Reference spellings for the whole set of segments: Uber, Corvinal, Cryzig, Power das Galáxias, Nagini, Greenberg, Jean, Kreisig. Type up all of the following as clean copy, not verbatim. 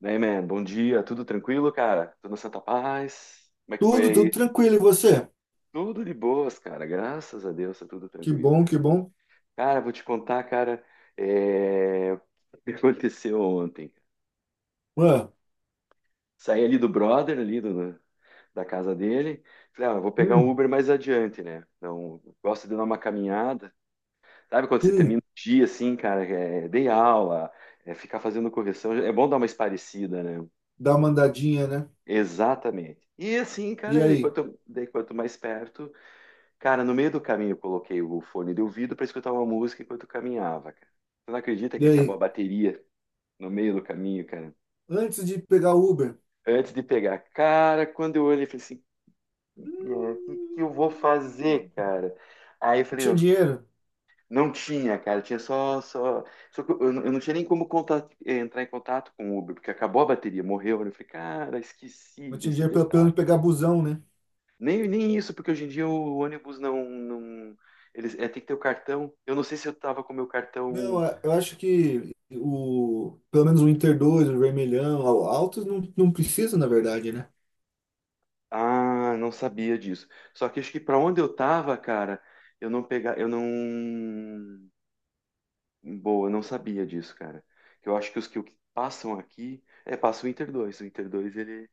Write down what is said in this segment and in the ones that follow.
Daí, man, bom dia, tudo tranquilo, cara? Tudo na Santa Paz? Como é que foi Tudo, tudo aí? tranquilo. E você? Tudo de boas, cara, graças a Deus, tá tudo Que tranquilo, bom, cara. que bom. Cara, vou te contar, cara, é, o que aconteceu ontem. Ué, Saí ali do brother, da casa dele, falei, ah, eu vou pegar um hum, Uber mais adiante, né? Então, gosto de dar uma caminhada. Sabe quando você termina hum, o dia, assim, cara, dei aula, ficar fazendo correção, é bom dar uma esparecida, né? dá uma andadinha, né? Exatamente. E assim, E cara, ele aí? quanto, daí quanto mais perto, cara, no meio do caminho eu coloquei o fone de ouvido para escutar uma música enquanto caminhava, cara. Você não acredita E que acabou aí? a bateria no meio do caminho, cara? Antes de pegar o Uber, Antes de pegar, cara, quando eu olhei, eu falei assim, o que hum, que eu vou fazer, cara? Aí eu eu falei, tinha não, dinheiro. não tinha, cara, tinha só, só que eu não tinha nem como contato, entrar em contato com o Uber, porque acabou a bateria, morreu. Eu falei, cara, esqueci Eu tinha desse dinheiro pelo detalhe. menos pegar busão, né? Nem, nem isso, porque hoje em dia o ônibus não, eles, tem que ter o cartão. Eu não sei se eu tava com o meu cartão. Não, eu acho que o, pelo menos o Inter 2 o Vermelhão, o Altos não, não precisa, na verdade, né? Ah, não sabia disso. Só que acho que para onde eu tava, cara, eu não pegar, eu não, boa, eu não sabia disso, cara. Eu acho que os que o que passam aqui, passa o Inter 2. O Inter 2 ele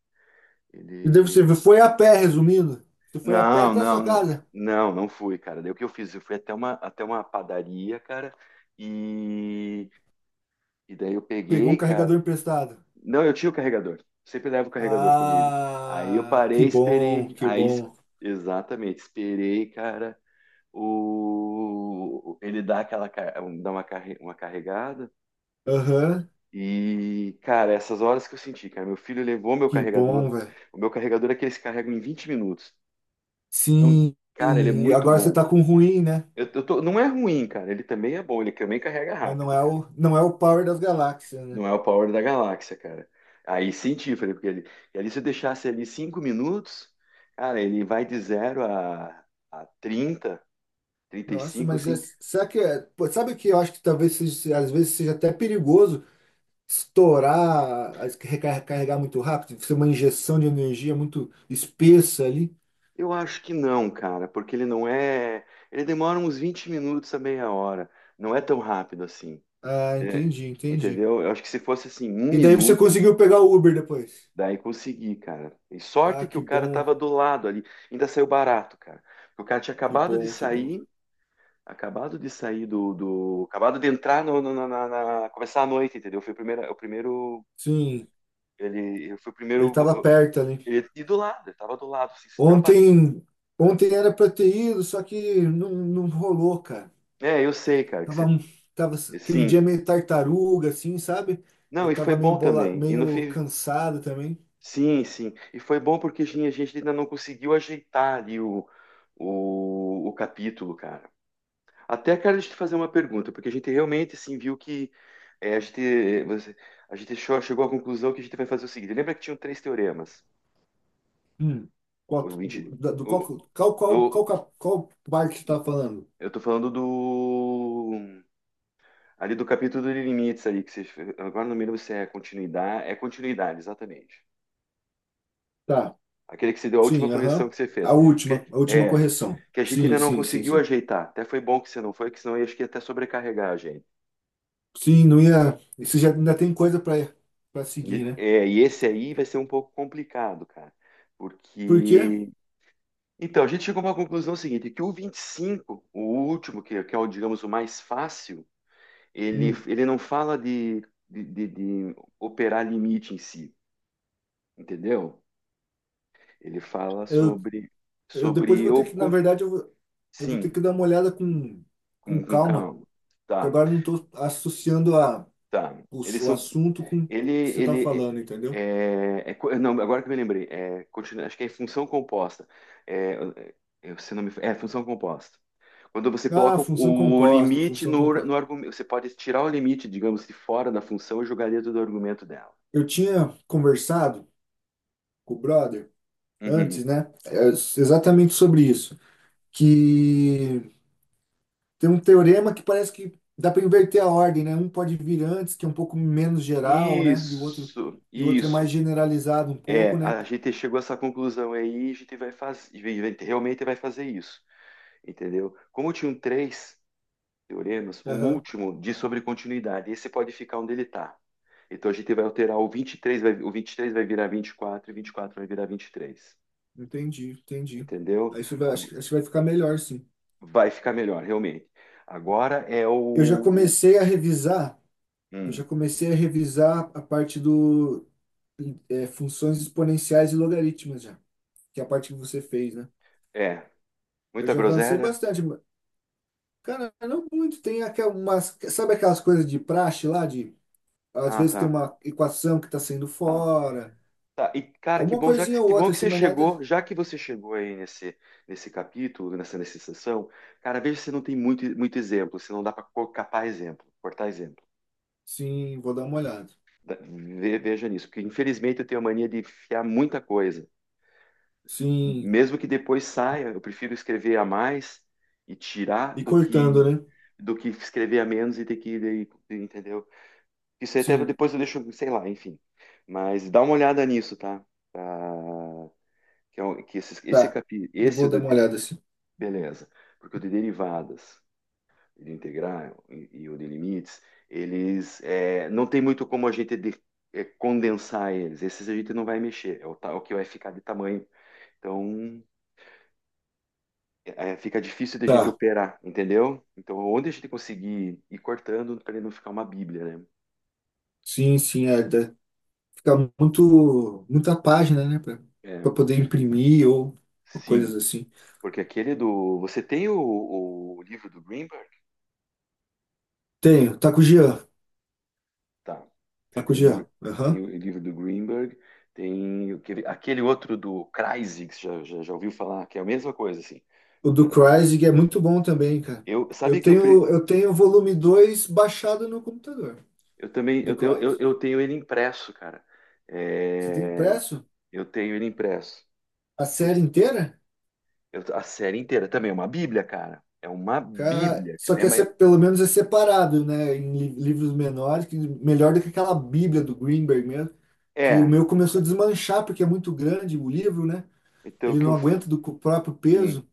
E daí você ele foi a pé, resumindo. Você foi a pé Não, até a sua não, não. casa. Não, não fui, cara. Daí o que eu fiz? Eu fui até uma padaria, cara, e e daí eu Pegou um peguei, cara. carregador emprestado. Não, eu tinha o carregador. Sempre levo o carregador comigo. Aí eu Ah, parei, que bom, esperei. que bom. Exatamente, esperei, cara. Ele dá aquela ca- um, dá uma, carre- uma carregada Aham, e, cara, essas horas que eu senti, cara, meu filho levou meu que carregador. bom, velho. O meu carregador é que eles carregam em 20 minutos. Então, Sim, cara, ele é e muito agora você tá bom. com ruim, né? Eu tô, não é ruim, cara. Ele também é bom. Ele também carrega Mas não rápido, é cara. o, não é o Power das Galáxias, né? Não é o Power da Galáxia, cara. Aí senti, falei, porque ele, e ali se eu deixasse ali 5 minutos, cara, ele vai de zero a trinta, trinta e Nossa, cinco mas é, assim. será que é, pô, sabe que eu acho que talvez seja, às vezes seja até perigoso estourar, recarregar carregar muito rápido, ser uma injeção de energia muito espessa ali. Eu acho que não, cara, porque ele não é. Ele demora uns 20 minutos a meia hora. Não é tão rápido assim. Ah, É, entendi, entendi. entendeu? Eu acho que se fosse assim, um E daí você minuto, conseguiu pegar o Uber depois. daí consegui, cara. E Ah, sorte que o que cara bom, tava do lado ali. Ainda saiu barato, cara. O cara tinha que acabado de bom, que bom. sair, acabado de entrar começar a noite, entendeu? Foi o primeiro. O primeiro Sim, ele foi o ele primeiro. tava perto. Ele tava do lado. Assim, já bateu. Ontem, ontem era pra ter ido, só que não, não rolou, cara. É, eu sei, cara, que Tava, você. um- Tava aquele dia Sim. meio tartaruga, assim, sabe? Não, Eu e foi tava meio bom bola, também. E no meio fim, cansado também. sim, sim. E foi bom porque a gente ainda não conseguiu ajeitar ali o capítulo, cara. Até, cara, deixa eu te fazer uma pergunta, porque a gente realmente, assim, viu que é, a gente, você- a gente chegou à conclusão que a gente vai fazer o seguinte. Lembra que tinham três teoremas? Hum. O Qual, 20, do, da- do o, qual, qual, qual, do- qual, cap- qual parte que tá falando? eu tô falando do ali do capítulo de limites ali, que você, agora não me lembro se é continuidade, é continuidade, exatamente. Tá, Aquele que se deu a última sim, correção aham. que você fez. Porque, A última correção. que a gente Sim, ainda não sim, sim, conseguiu sim. ajeitar. Até foi bom que você não foi, que senão eu acho que ia até sobrecarregar a gente. Sim, não ia. Isso já ainda tem coisa pra para seguir, né? É, e esse aí vai ser um pouco complicado, cara. Por quê? Porque. Então, a gente chegou a uma conclusão seguinte, que o 25, o último, que é o, digamos, o mais fácil, ele, Hum. ele não fala de operar limite em si, entendeu? Ele fala eu sobre, Eu depois eu sobre vou o... ter que, na co- verdade, eu vou ter sim, que dar uma olhada com com calma, calma. que Tá. agora eu não estou associando Tá. Eles o são. assunto com o Ele, que você está ele falando, entendeu? é, é co- não, agora que eu me lembrei, acho que é função composta. É, é, se não me, é função composta. Quando você Ah, coloca função o composta, limite função no composta. argumento, você pode tirar o limite, digamos, de fora da função e jogar dentro do argumento dela. Eu tinha conversado com o brother Uhum. antes, né? Exatamente sobre isso. Que tem um teorema que parece que dá para inverter a ordem, né? Um pode vir antes, que é um pouco menos geral, né? Isso, E o outro é mais isso. generalizado um É, pouco, né? a gente chegou a essa conclusão aí, a gente vai fazer, realmente vai fazer isso, entendeu? Como tinha um 3 teoremas, o Aham. último diz sobre continuidade. Esse pode ficar onde ele está. Então a gente vai alterar o 23, vai, o 23 vai virar 24 e 24 vai virar 23. Entendi, entendi. Entendeu? Aí Isso vai, acho que vai ficar melhor, sim. Vai ficar melhor, realmente. Agora é Eu já comecei a revisar, eu já hum, comecei a revisar a parte do funções exponenciais e logaritmas já, que é a parte que você fez, né? é. Eu Muita já avancei groselha? bastante, mas, cara, não muito. Tem aquelas, sabe aquelas coisas de praxe lá, de às Ah, vezes tem tá. uma equação que está saindo Tá. fora, Tá. E, cara, que alguma bom, coisinha ou que bom outra que assim, você mas nada. chegou, já que você chegou aí nesse capítulo, nessa sessão, cara, veja se não tem muito, muito exemplo, se não dá para capar exemplo, cortar exemplo. Sim, vou dar uma olhada. Veja nisso, porque infelizmente eu tenho a mania de enfiar muita coisa. Sim, Mesmo que depois saia, eu prefiro escrever a mais e tirar e do cortando, que né? Escrever a menos e ter que, entendeu? Isso aí até Sim, depois eu deixo, sei lá, enfim. Mas dá uma olhada nisso, tá? Tá? que é um- que esse tá. capi, Eu esse vou dar do, uma de- olhada assim. beleza, porque o de derivadas, de integrar e o de limites, eles é, não tem muito como a gente é, condensar eles. Esses a gente não vai mexer, é o que vai ficar de tamanho. Então, fica difícil de a gente Tá. operar, entendeu? Então, onde a gente conseguir ir cortando para ele não ficar uma bíblia, né? Sim, sim, fica muito, muita página, né, pra, pra É, poder imprimir ou sim, coisas assim. porque aquele do... Você tem o livro do Greenberg? Tenho, tá com o Jean, Tá. Você tá com o Jean, tem aham. o livro do Greenberg, tem aquele, aquele outro do Kreisig, que você já ouviu falar, que é a mesma coisa, assim. O do Cryzig é muito bom também, cara. Eu, sabe que eu, pre- Eu tenho o volume 2 baixado no computador eu também, do Cryzig. eu tenho ele impresso, cara. Você tem É, impresso eu tenho ele impresso. a série inteira? A série inteira também, é uma bíblia, cara. É uma Cara, bíblia, só cara. É, que uma- pelo menos é separado, né, em livros menores, que melhor do que aquela Bíblia do Greenberg mesmo, que o é, meu começou a desmanchar porque é muito grande o livro, né? então o Ele que não eu, f- aguenta do próprio sim. peso?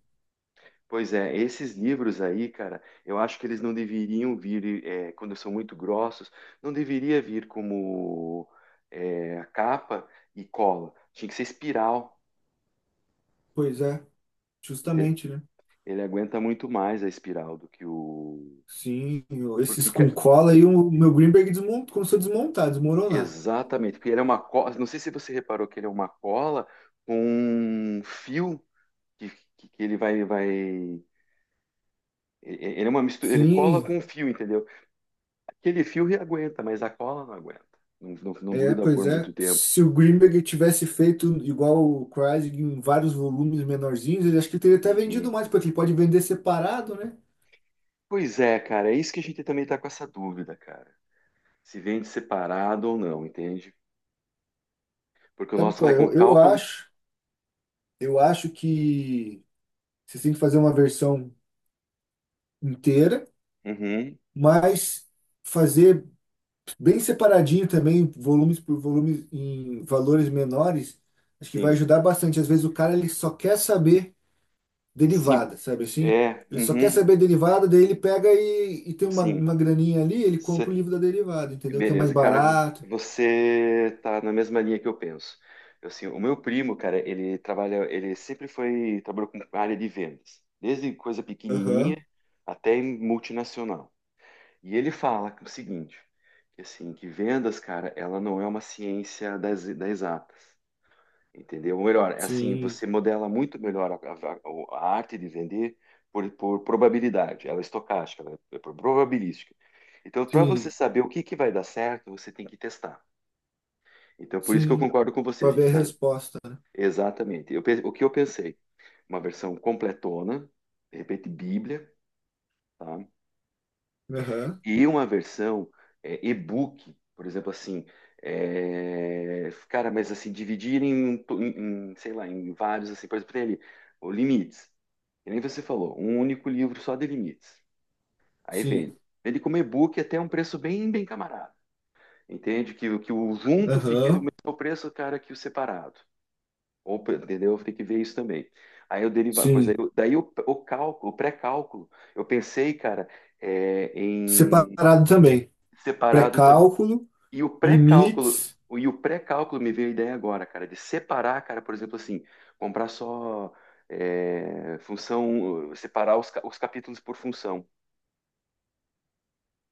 Pois é, esses livros aí, cara, eu acho que eles não deveriam vir, quando são muito grossos, não deveria vir como capa e cola. Tinha que ser espiral. Pois é, ente- justamente, né? Ele aguenta muito mais a espiral do que o. Sim, esses Porque, com ca- cola e o meu Greenberg começou a desmontar, desmoronar. exatamente, porque ele é uma cola. Não sei se você reparou que ele é uma cola com um fio que, que ele ele é uma mistura, ele cola Sim, com um fio, entendeu? Aquele fio aguenta, mas a cola não aguenta. Não, não, não é, gruda pois por é. muito tempo. Se o Greenberg tivesse feito igual o Kreisig em vários volumes menorzinhos, ele acho que teria até vendido Uhum. mais, porque ele pode vender separado, né? Pois é, cara, é isso que a gente também tá com essa dúvida, cara. Se vende separado ou não, entende? Porque o Sabe nosso qual vai é? com Eu cálculo. acho, eu acho que você tem que fazer uma versão inteira, Uhum, mas fazer bem separadinho também, volumes por volumes em valores menores, acho que vai sim. ajudar bastante. Às vezes o cara ele só quer saber Sim, derivada, sabe assim? é. Ele só quer Uhum, saber derivada, daí ele pega e tem sim. uma graninha ali, ele compra o Cê- livro da derivada, entendeu? Que é mais Beleza, cara, barato. você tá na mesma linha que eu penso. Eu, assim, o meu primo, cara, ele trabalha, ele sempre foi, trabalhou com área de vendas, desde coisa Aham. pequenininha até em multinacional. E ele fala o seguinte, que assim, que vendas, cara, ela não é uma ciência das exatas, entendeu? Ou melhor, é assim, Sim, você modela muito melhor a arte de vender por probabilidade, ela é estocástica, ela é é por probabilística. Então, para você sim, saber o que que vai dar certo, você tem que testar. Então, por isso que eu sim. concordo com você, a Para gente ver a faz resposta, né? exatamente. O que eu pensei, uma versão completona, de repente Bíblia, tá? Aham. E uma versão e-book, por exemplo, assim, é, cara, mas assim, dividir em, sei lá, em vários, assim, por exemplo, tem ali, o limites, que nem você falou, um único livro só de limites. Aí Sim. vende. Vende como e-book até um preço bem, bem camarada. Entende? O que o junto fique do Aham. mesmo preço, cara, que o separado. Ou, entendeu? Tem que ver isso também. Aí eu derivar coisa. Aí Sim. eu- Daí o cálculo, o pré-cálculo, eu pensei, cara, em Separado também. separado. Pré-cálculo, E o pré-cálculo, limites. Me veio a ideia agora, cara, de separar, cara, por exemplo, assim, comprar só função, separar os capítulos por função.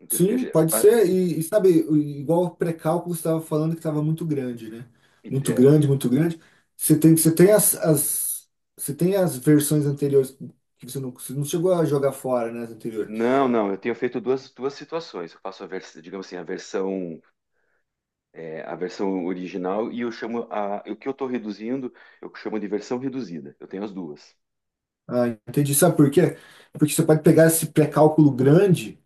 Entendeu? Porque, Sim, ge- pode ba- ser. E sabe, igual o pré-cálculo que você estava falando que estava muito grande, né? e- Muito é, grande, muito grande. Você tem, você tem as, as, você tem as versões anteriores que você não chegou a jogar fora, né, as anteriores. não, não, eu tenho feito duas, duas situações. Eu faço a versão, digamos assim, a versão, a versão original e eu chamo a, o que eu estou reduzindo, eu chamo de versão reduzida. Eu tenho as duas. Ah, entendi. Sabe por quê? Porque você pode pegar esse pré-cálculo grande,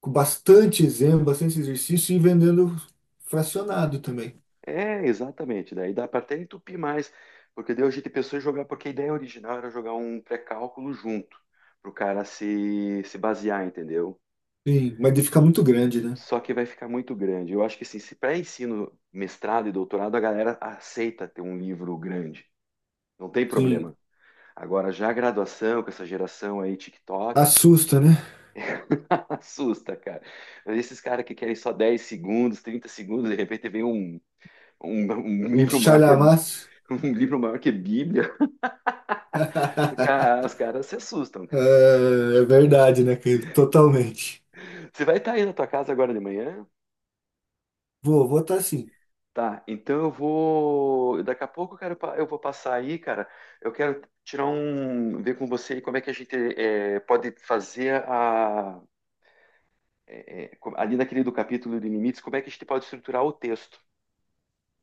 com bastante exemplo, bastante exercício, e ir vendendo fracionado também. É, exatamente. Daí dá para até entupir mais, porque daí a gente pensou em jogar, porque a ideia original era jogar um pré-cálculo junto, para o cara se basear, entendeu? Sim, mas ele fica muito grande, né? Só que vai ficar muito grande. Eu acho que assim, se para ensino, mestrado e doutorado, a galera aceita ter um livro grande, não tem Sim. problema. Agora, já a graduação, com essa geração aí, TikTok, Assusta, né? assusta, cara. Esses caras que querem só 10 segundos, 30 segundos, de repente vem um Um livro maior que a chalhamaço. um livro maior que a Bíblia. Cara, os caras se assustam, É, cara. é verdade, né, Caio? Totalmente. Você vai estar aí na tua casa agora de manhã? Vou, vou estar sim. Tá, então eu vou. Daqui a pouco, cara, eu vou passar aí, cara. Eu quero tirar um. Ver com você aí como é que a gente pode fazer a ali naquele do capítulo de limites, como é que a gente pode estruturar o texto,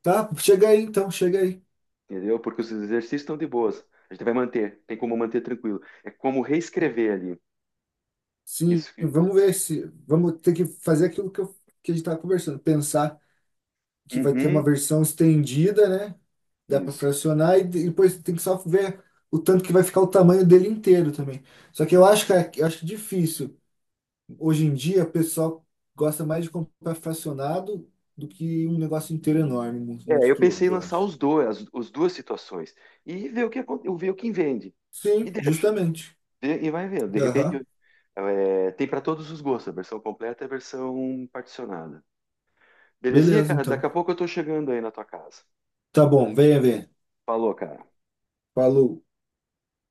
Tá? Chega aí então, chega aí. entendeu? Porque os exercícios estão de boas. A gente vai manter, tem como manter tranquilo. É como reescrever ali. Sim, Isso. Vamos ver se. Vamos ter que fazer aquilo que a gente estava conversando. Pensar que vai ter uma Uhum, versão estendida, né? Dá para isso. fracionar e depois tem que só ver o tanto que vai ficar o tamanho dele inteiro também. Só que eu acho eu acho difícil. Hoje em dia, o pessoal gosta mais de comprar fracionado do que um negócio inteiro enorme, É, eu pensei monstruoso, em eu lançar acho. os dois, as duas situações e ver o que ver o que vende e Sim, deixa justamente. E vai vendo. De repente Aham. Tem para todos os gostos, a versão completa e a versão particionada. Belezinha, Beleza, cara? Daqui então. a pouco eu tô chegando aí na tua casa. Tá bom, venha ver. Falou, cara. Falou.